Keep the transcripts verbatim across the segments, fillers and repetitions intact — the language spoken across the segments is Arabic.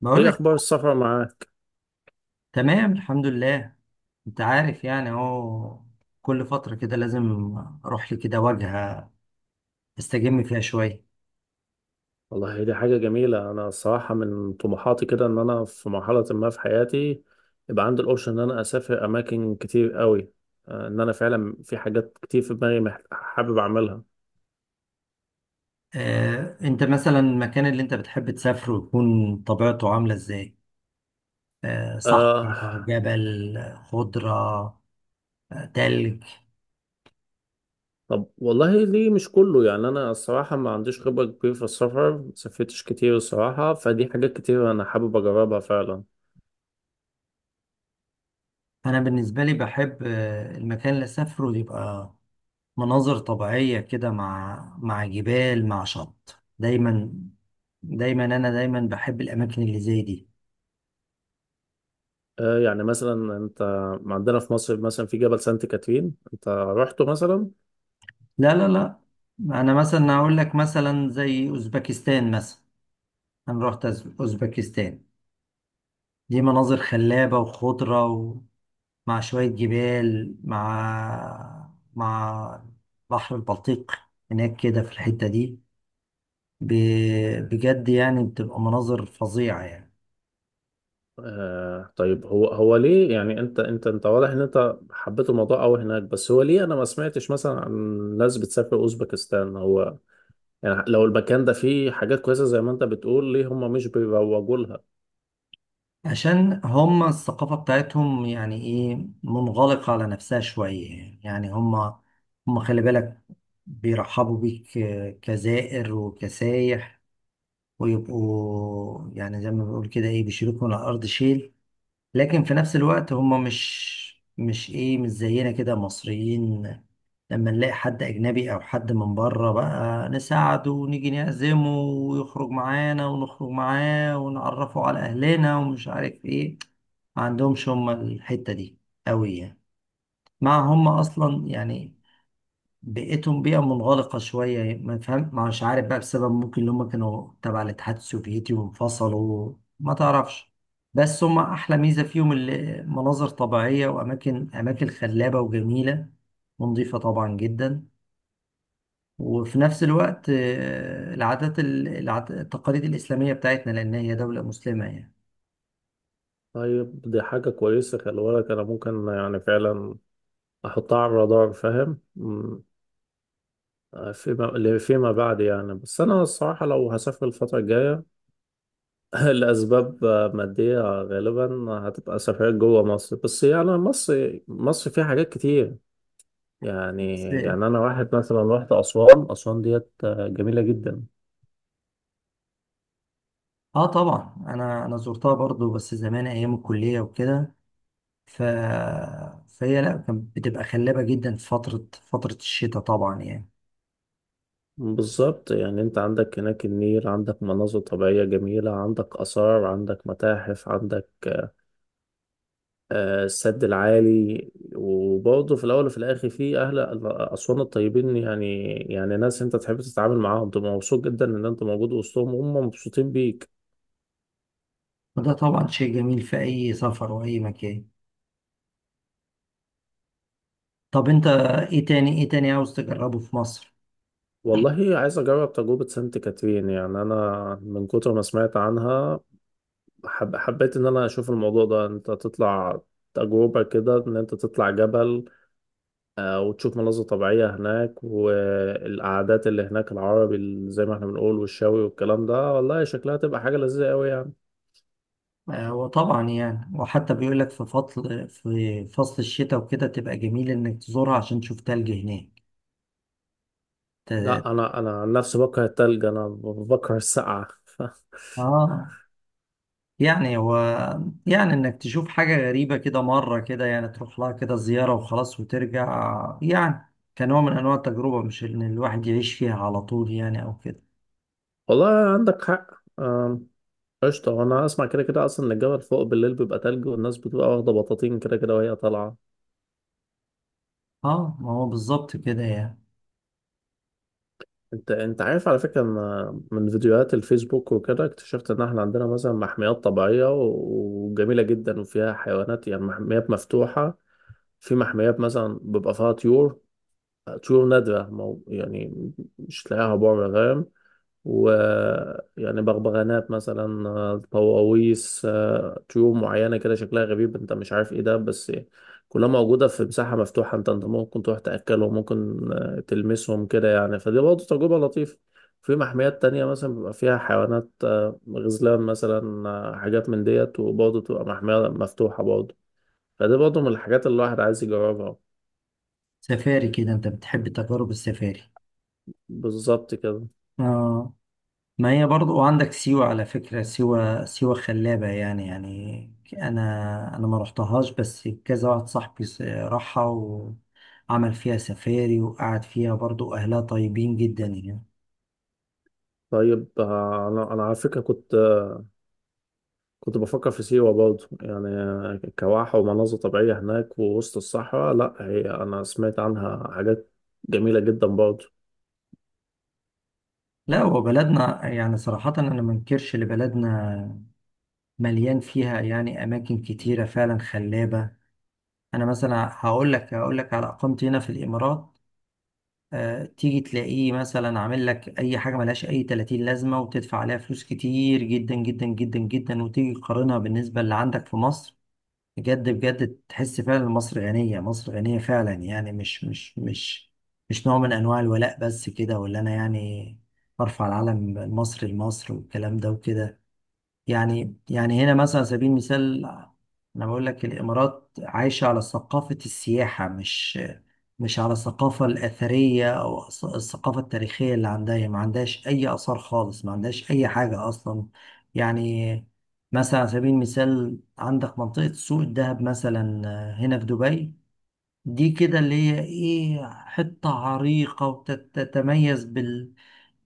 بقول ايه لك. اخبار السفر معاك؟ تمام، الحمد لله. انت عارف، يعني اهو كل فترة كده لازم اروح لي كده واجهة استجم فيها شوية. والله هي دي حاجه جميله. انا الصراحه من طموحاتي كده ان انا في مرحله ما في حياتي يبقى عندي الاوبشن ان انا اسافر اماكن كتير قوي. آه، ان انا فعلا في حاجات كتير في دماغي مح- حابب اعملها. اه، انت مثلا المكان اللي انت بتحب تسافره يكون طبيعته عاملة ازاي؟ اه، آه، صحراء، جبل، خضرة، اه تلج. طب والله ليه مش كله؟ يعني انا الصراحه ما عنديش خبره كبيره في السفر، ما سافرتش كتير الصراحه، فدي حاجات كتير انا حابب اجربها فعلا. انا بالنسبة لي بحب اه المكان اللي اسافره يبقى مناظر طبيعية كده، مع مع جبال مع شط دايما دايما انا دايما بحب الاماكن اللي زي دي. آه، يعني مثلا انت، عندنا في مصر مثلا في جبل سانت كاترين، انت رحته مثلا؟ لا، لا، لا. انا مثلا هقول لك مثلا زي اوزبكستان مثلا. انا رحت أز- اوزبكستان. دي مناظر خلابة وخضرة، ومع شوية جبال مع مع بحر البلطيق هناك كده في الحتة دي. ب- بجد يعني بتبقى مناظر فظيعة يعني. آه طيب، هو هو ليه يعني؟ انت انت انت واضح ان انت حبيت الموضوع قوي هناك، بس هو ليه انا ما سمعتش مثلا عن ناس بتسافر اوزبكستان؟ هو يعني لو المكان ده فيه حاجات كويسة زي ما انت بتقول، ليه هم مش بيروجوا لها؟ عشان هم الثقافة بتاعتهم يعني ايه منغلقة على نفسها شوية. يعني هم هم خلي بالك بيرحبوا بيك كزائر وكسايح، ويبقوا يعني زي ما بيقول كده ايه بيشيلوك من الأرض شيل. لكن في نفس الوقت هم مش مش ايه مش زينا كده مصريين. لما نلاقي حد اجنبي او حد من بره بقى نساعده، ونيجي نعزمه ويخرج معانا ونخرج معاه، ونعرفه على اهلنا ومش عارف ايه. ما عندهمش هم الحتة دي قوي يعني. مع هم اصلا يعني بيئتهم بيئة منغلقة شوية، ما فهم مش عارف بقى، بسبب ممكن اللي هم كانوا تبع الاتحاد السوفيتي وانفصلوا، ما تعرفش. بس هم أحلى ميزة فيهم اللي مناظر طبيعية وأماكن أماكن خلابة وجميلة، ونظيفة طبعا جدا. وفي نفس الوقت آه، العادات ال- العاد- التقاليد الإسلامية بتاعتنا، لأن هي دولة مسلمة يعني. طيب دي حاجة كويسة، خلي بالك انا ممكن يعني فعلا احطها على الرادار، فاهم؟ مم، آه، فيما فيما بعد يعني. بس انا الصراحة لو هسافر الفترة الجاية الأسباب مادية غالبا، هتبقى سفريات جوه مصر. بس يعني مصر مصر فيها حاجات كتير يعني بس يعني أنا واحد مثلا رحت أسوان. أسوان ديت جميلة جدا. آه، طبعا أنا أنا زرتها برضو، بس زمان أيام الكلية وكده. ف... فهي لا كانت بتبقى خلابة جدا في فترة فترة الشتاء طبعا يعني. بالظبط، يعني أنت عندك هناك النيل، عندك مناظر طبيعية جميلة، عندك آثار، عندك متاحف، عندك آه، السد العالي، وبرضه في الأول وفي الآخر في أهل أسوان الطيبين يعني. يعني ناس أنت تحب تتعامل معاهم، تبقى مبسوط جدا إن أنت موجود وسطهم وهم مبسوطين بيك. وده طبعا شيء جميل في أي سفر وأي مكان. طب أنت إيه تاني إيه تاني عاوز تجربه في مصر؟ والله عايز اجرب تجربة سانت كاترين، يعني انا من كتر ما سمعت عنها حب حبيت ان انا اشوف الموضوع ده. انت تطلع تجربة كده، ان انت تطلع جبل، آه، وتشوف مناظر طبيعية هناك، والقعدات اللي هناك العربي اللي زي ما احنا بنقول والشاوي والكلام ده. والله شكلها تبقى حاجة لذيذة قوي يعني. آه، وطبعا يعني، وحتى بيقول لك في فصل في فصل الشتاء وكده تبقى جميل إنك تزورها عشان تشوف تلج هناك. ت... لا انا انا عن نفسي بكره التلج، انا بكره السقعة. آه يعني هو، يعني انك تشوف حاجة غريبة كده مرة كده، يعني تروح لها كده زيارة وخلاص وترجع، يعني كنوع من انواع التجربة، مش ان الواحد يعيش فيها على طول يعني او كده. والله عندك حق. آم، قشطة. وأنا أسمع كده كده أصلا إن الجبل فوق بالليل بيبقى تلج، والناس بتبقى واخدة بطاطين كده كده وهي طالعة. اه ما هو بالظبط كده يعني. أنت أنت عارف على فكرة إن من فيديوهات الفيسبوك وكده اكتشفت إن إحنا عندنا مثلا محميات طبيعية و- وجميلة جدا وفيها حيوانات، يعني محميات مفتوحة. في محميات مثلا بيبقى فيها طيور، طيور نادرة، مو يعني مش تلاقيها بره، فاهم؟ ويعني بغبغانات مثلا، آه، طواويس، آه، طيور معينة كده شكلها غريب انت مش عارف ايه ده، بس كلها موجودة في مساحة مفتوحة. انت انت ممكن تروح تأكلهم، ممكن آه، تلمسهم كده يعني. فدي برضه تجربة لطيفة. في محميات تانية مثلا بيبقى فيها حيوانات، آه، غزلان مثلا، آه، حاجات من ديت، وبرضه تبقى محمية مفتوحة برضه. فدي برضه من الحاجات اللي الواحد عايز يجربها. سفاري كده، انت بتحب تجارب السفاري؟ بالظبط كده. اه ما هي برضو، وعندك سيوة على فكرة. سيوة سيوة خلابة يعني يعني. انا انا ما رحتهاش، بس كذا واحد صاحبي س- راحها وعمل فيها سفاري وقعد فيها، برضو اهلها طيبين جدا يعني. طيب آه، انا انا على فكره كنت كنت بفكر في سيوة برضه يعني، كواحة ومناظر طبيعية هناك ووسط الصحراء. لا هي أنا سمعت عنها حاجات جميلة جدا برضه. لا هو بلدنا يعني صراحة، أنا ما انكرش إن بلدنا مليان فيها يعني أماكن كتيرة فعلا خلابة. أنا مثلا هقول لك هقول لك على إقامتي هنا في الإمارات. آه، تيجي تلاقيه مثلا عامل لك أي حاجة ملهاش أي تلاتين لازمة، وتدفع عليها فلوس كتير جدا جدا جدا جدا، وتيجي تقارنها بالنسبة اللي عندك في مصر. بجد بجد تحس فعلا مصر غنية، مصر غنية فعلا. يعني مش مش مش مش نوع من أنواع الولاء بس كده، ولا أنا يعني برفع العلم المصري لمصر والكلام ده وكده. يعني يعني هنا مثلا على سبيل المثال، انا بقول لك الامارات عايشه على ثقافه السياحه، مش مش على الثقافه الاثريه او الث- الثقافه التاريخيه. اللي عندها هي ما عندهاش اي اثار خالص، ما عندهاش اي حاجه اصلا يعني. مثلا على سبيل المثال عندك منطقه سوق الذهب مثلا هنا في دبي. دي كده اللي هي ايه حته عريقه، وتتميز بال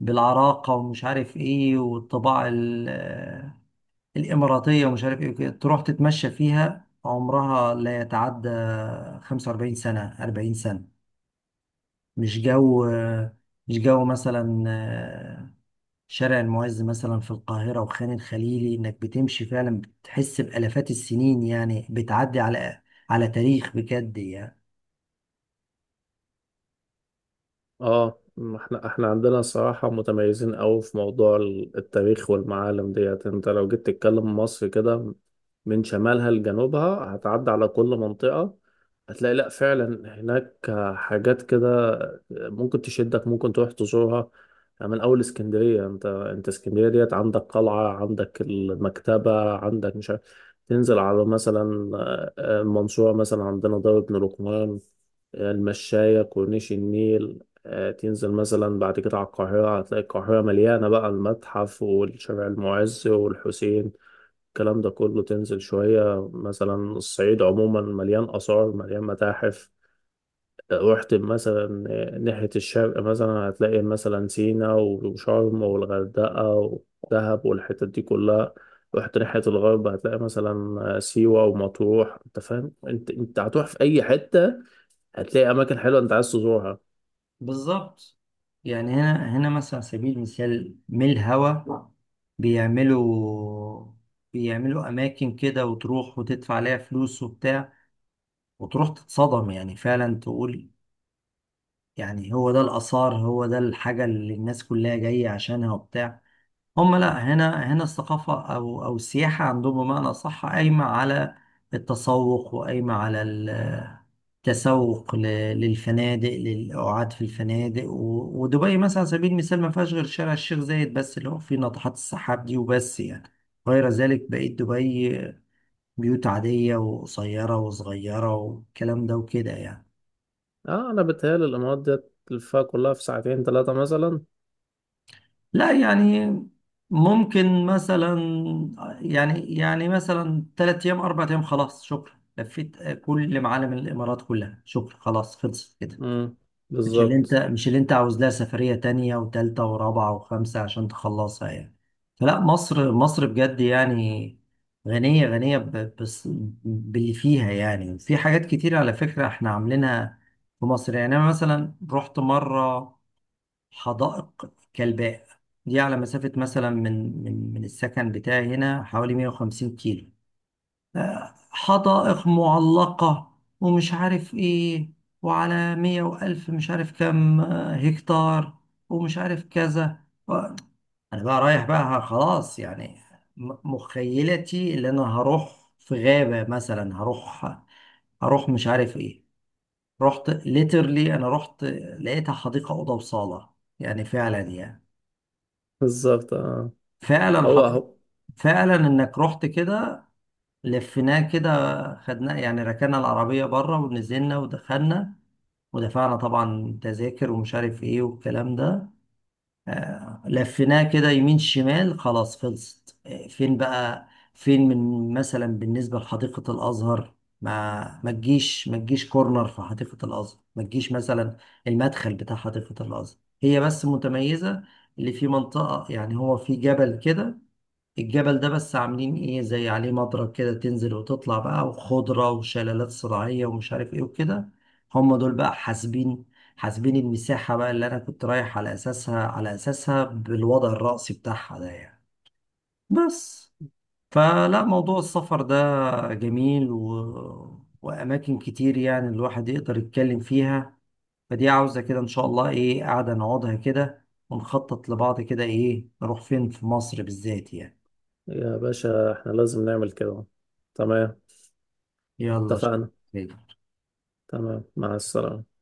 بالعراقه ومش عارف ايه، والطباع الإماراتية ومش عارف إيه وكده. تروح تتمشى فيها، عمرها لا يتعدى 45 سنة، 40 سنة. مش جو، مش جو مثلا آه، شارع المعز مثلا في القاهرة وخان الخليلي، إنك بتمشي فعلا بتحس بآلافات السنين، يعني بتعدي على على تاريخ بجد يعني. اه، ما احنا احنا عندنا صراحة متميزين قوي في موضوع ال- التاريخ والمعالم ديت. انت لو جيت تتكلم مصر كده من شمالها لجنوبها هتعدي على كل منطقة، هتلاقي لا فعلا هناك حاجات كده ممكن تشدك، ممكن تروح تزورها. يعني من اول اسكندرية، انت انت اسكندرية ديت عندك قلعة، عندك المكتبة، عندك مش عارف. تنزل على مثلا آه، آه، المنصورة مثلا عندنا دار ابن لقمان، المشاية كورنيش النيل. آه، تنزل مثلا بعد كده على القاهرة هتلاقي القاهرة مليانة بقى المتحف والشارع المعز والحسين، الكلام ده كله. تنزل شوية مثلا الصعيد عموما مليان آثار مليان متاحف. آه، رحت مثلا آه، ناحية الشرق مثلا هتلاقي مثلا سينا وشرم والغردقة ودهب والحتت دي كلها. رحت ناحية الغرب هتلاقي مثلا آه، سيوة ومطروح. انت فاهم، انت انت هتروح في اي حتة هتلاقي اماكن حلوة انت عايز تزورها. بالظبط. يعني هنا هنا مثلا على سبيل المثال ميل هوا بيعملوا بيعملوا أماكن كده، وتروح وتدفع عليها فلوس وبتاع، وتروح تتصدم يعني فعلا. تقول يعني هو ده الآثار، هو ده الحاجة اللي الناس كلها جاية عشانها وبتاع. هم لا، هنا هنا الثقافة أو أو السياحة عندهم بمعنى صح قايمة على التسوق، وقايمة على ال- التسوق ل- للفنادق، للقعاد في الفنادق، و- ودبي مثلا على سبيل المثال ما فيهاش غير شارع الشيخ زايد بس، اللي هو فيه ناطحات السحاب دي وبس يعني. غير ذلك بقيت دبي بيوت عادية وقصيرة وصغيرة والكلام ده وكده يعني. اه، انا بتهيألي الامارات ديت تلفها كلها في ساعتين ثلاثة مثلا. لا يعني ممكن مثلا يعني يعني مثلا ثلاث ايام اربع ايام، خلاص شكرا، لفيت كل معالم الامارات كلها. شكرا، خلاص خلصت كده. امم مش اللي انت بالظبط. مش اللي انت عاوز لها سفرية تانية وتالتة ورابعة وخمسة عشان تخلصها يعني. فلا، مصر مصر بجد يعني، غنية غنية ب- بس باللي فيها يعني. في حاجات كتير على فكرة احنا عاملينها في مصر يعني. انا مثلا رحت مرة حدائق كلباء، دي على مسافة مثلا من من من السكن بتاعي هنا حوالي 150 كيلو. آه، حدائق معلقة ومش عارف ايه، وعلى مية وألف مش عارف كام آه، هكتار، ومش عارف كذا. و- أنا بقى رايح بقى خلاص يعني، م- مخيلتي اللي أنا هروح في غابة مثلا، هروح هروح مش عارف ايه. رحت ليترلي، أنا رحت لقيتها حديقة أوضة وصالة يعني فعلا يعني. بالظبط، اه. فعلا هو حط... اهو. فعلا انك رحت كده لفيناه كده، خدناه يعني، ركنا العربية بره ونزلنا ودخلنا، ودفعنا طبعا تذاكر ومش عارف ايه والكلام ده. آه، لفيناه كده يمين شمال خلاص خلصت. آه فين بقى، فين من مثلا بالنسبة لحديقة الأزهر؟ ما ما تجيش ما تجيش كورنر في حديقة الأزهر. ما تجيش مثلا المدخل بتاع حديقة الأزهر، هي بس متميزة اللي في منطقة يعني. هو في جبل كده، الجبل ده بس عاملين ايه زي عليه مضرب كده، تنزل وتطلع بقى، وخضرة وشلالات صناعية ومش عارف ايه وكده. هم دول بقى حاسبين حاسبين المساحة بقى، اللي انا كنت رايح على اساسها على اساسها بالوضع الرأسي بتاعها ده يعني. بس فلا، موضوع السفر ده جميل و... واماكن كتير يعني الواحد يقدر يتكلم فيها. فدي عاوزة كده ان شاء الله ايه قاعدة نقعدها كده ونخطط لبعض، كده ايه نروح فين في مصر بالذات يعني. يا باشا احنا لازم نعمل كده. تمام. يلا شكرا. اتفقنا. تمام، مع السلامة.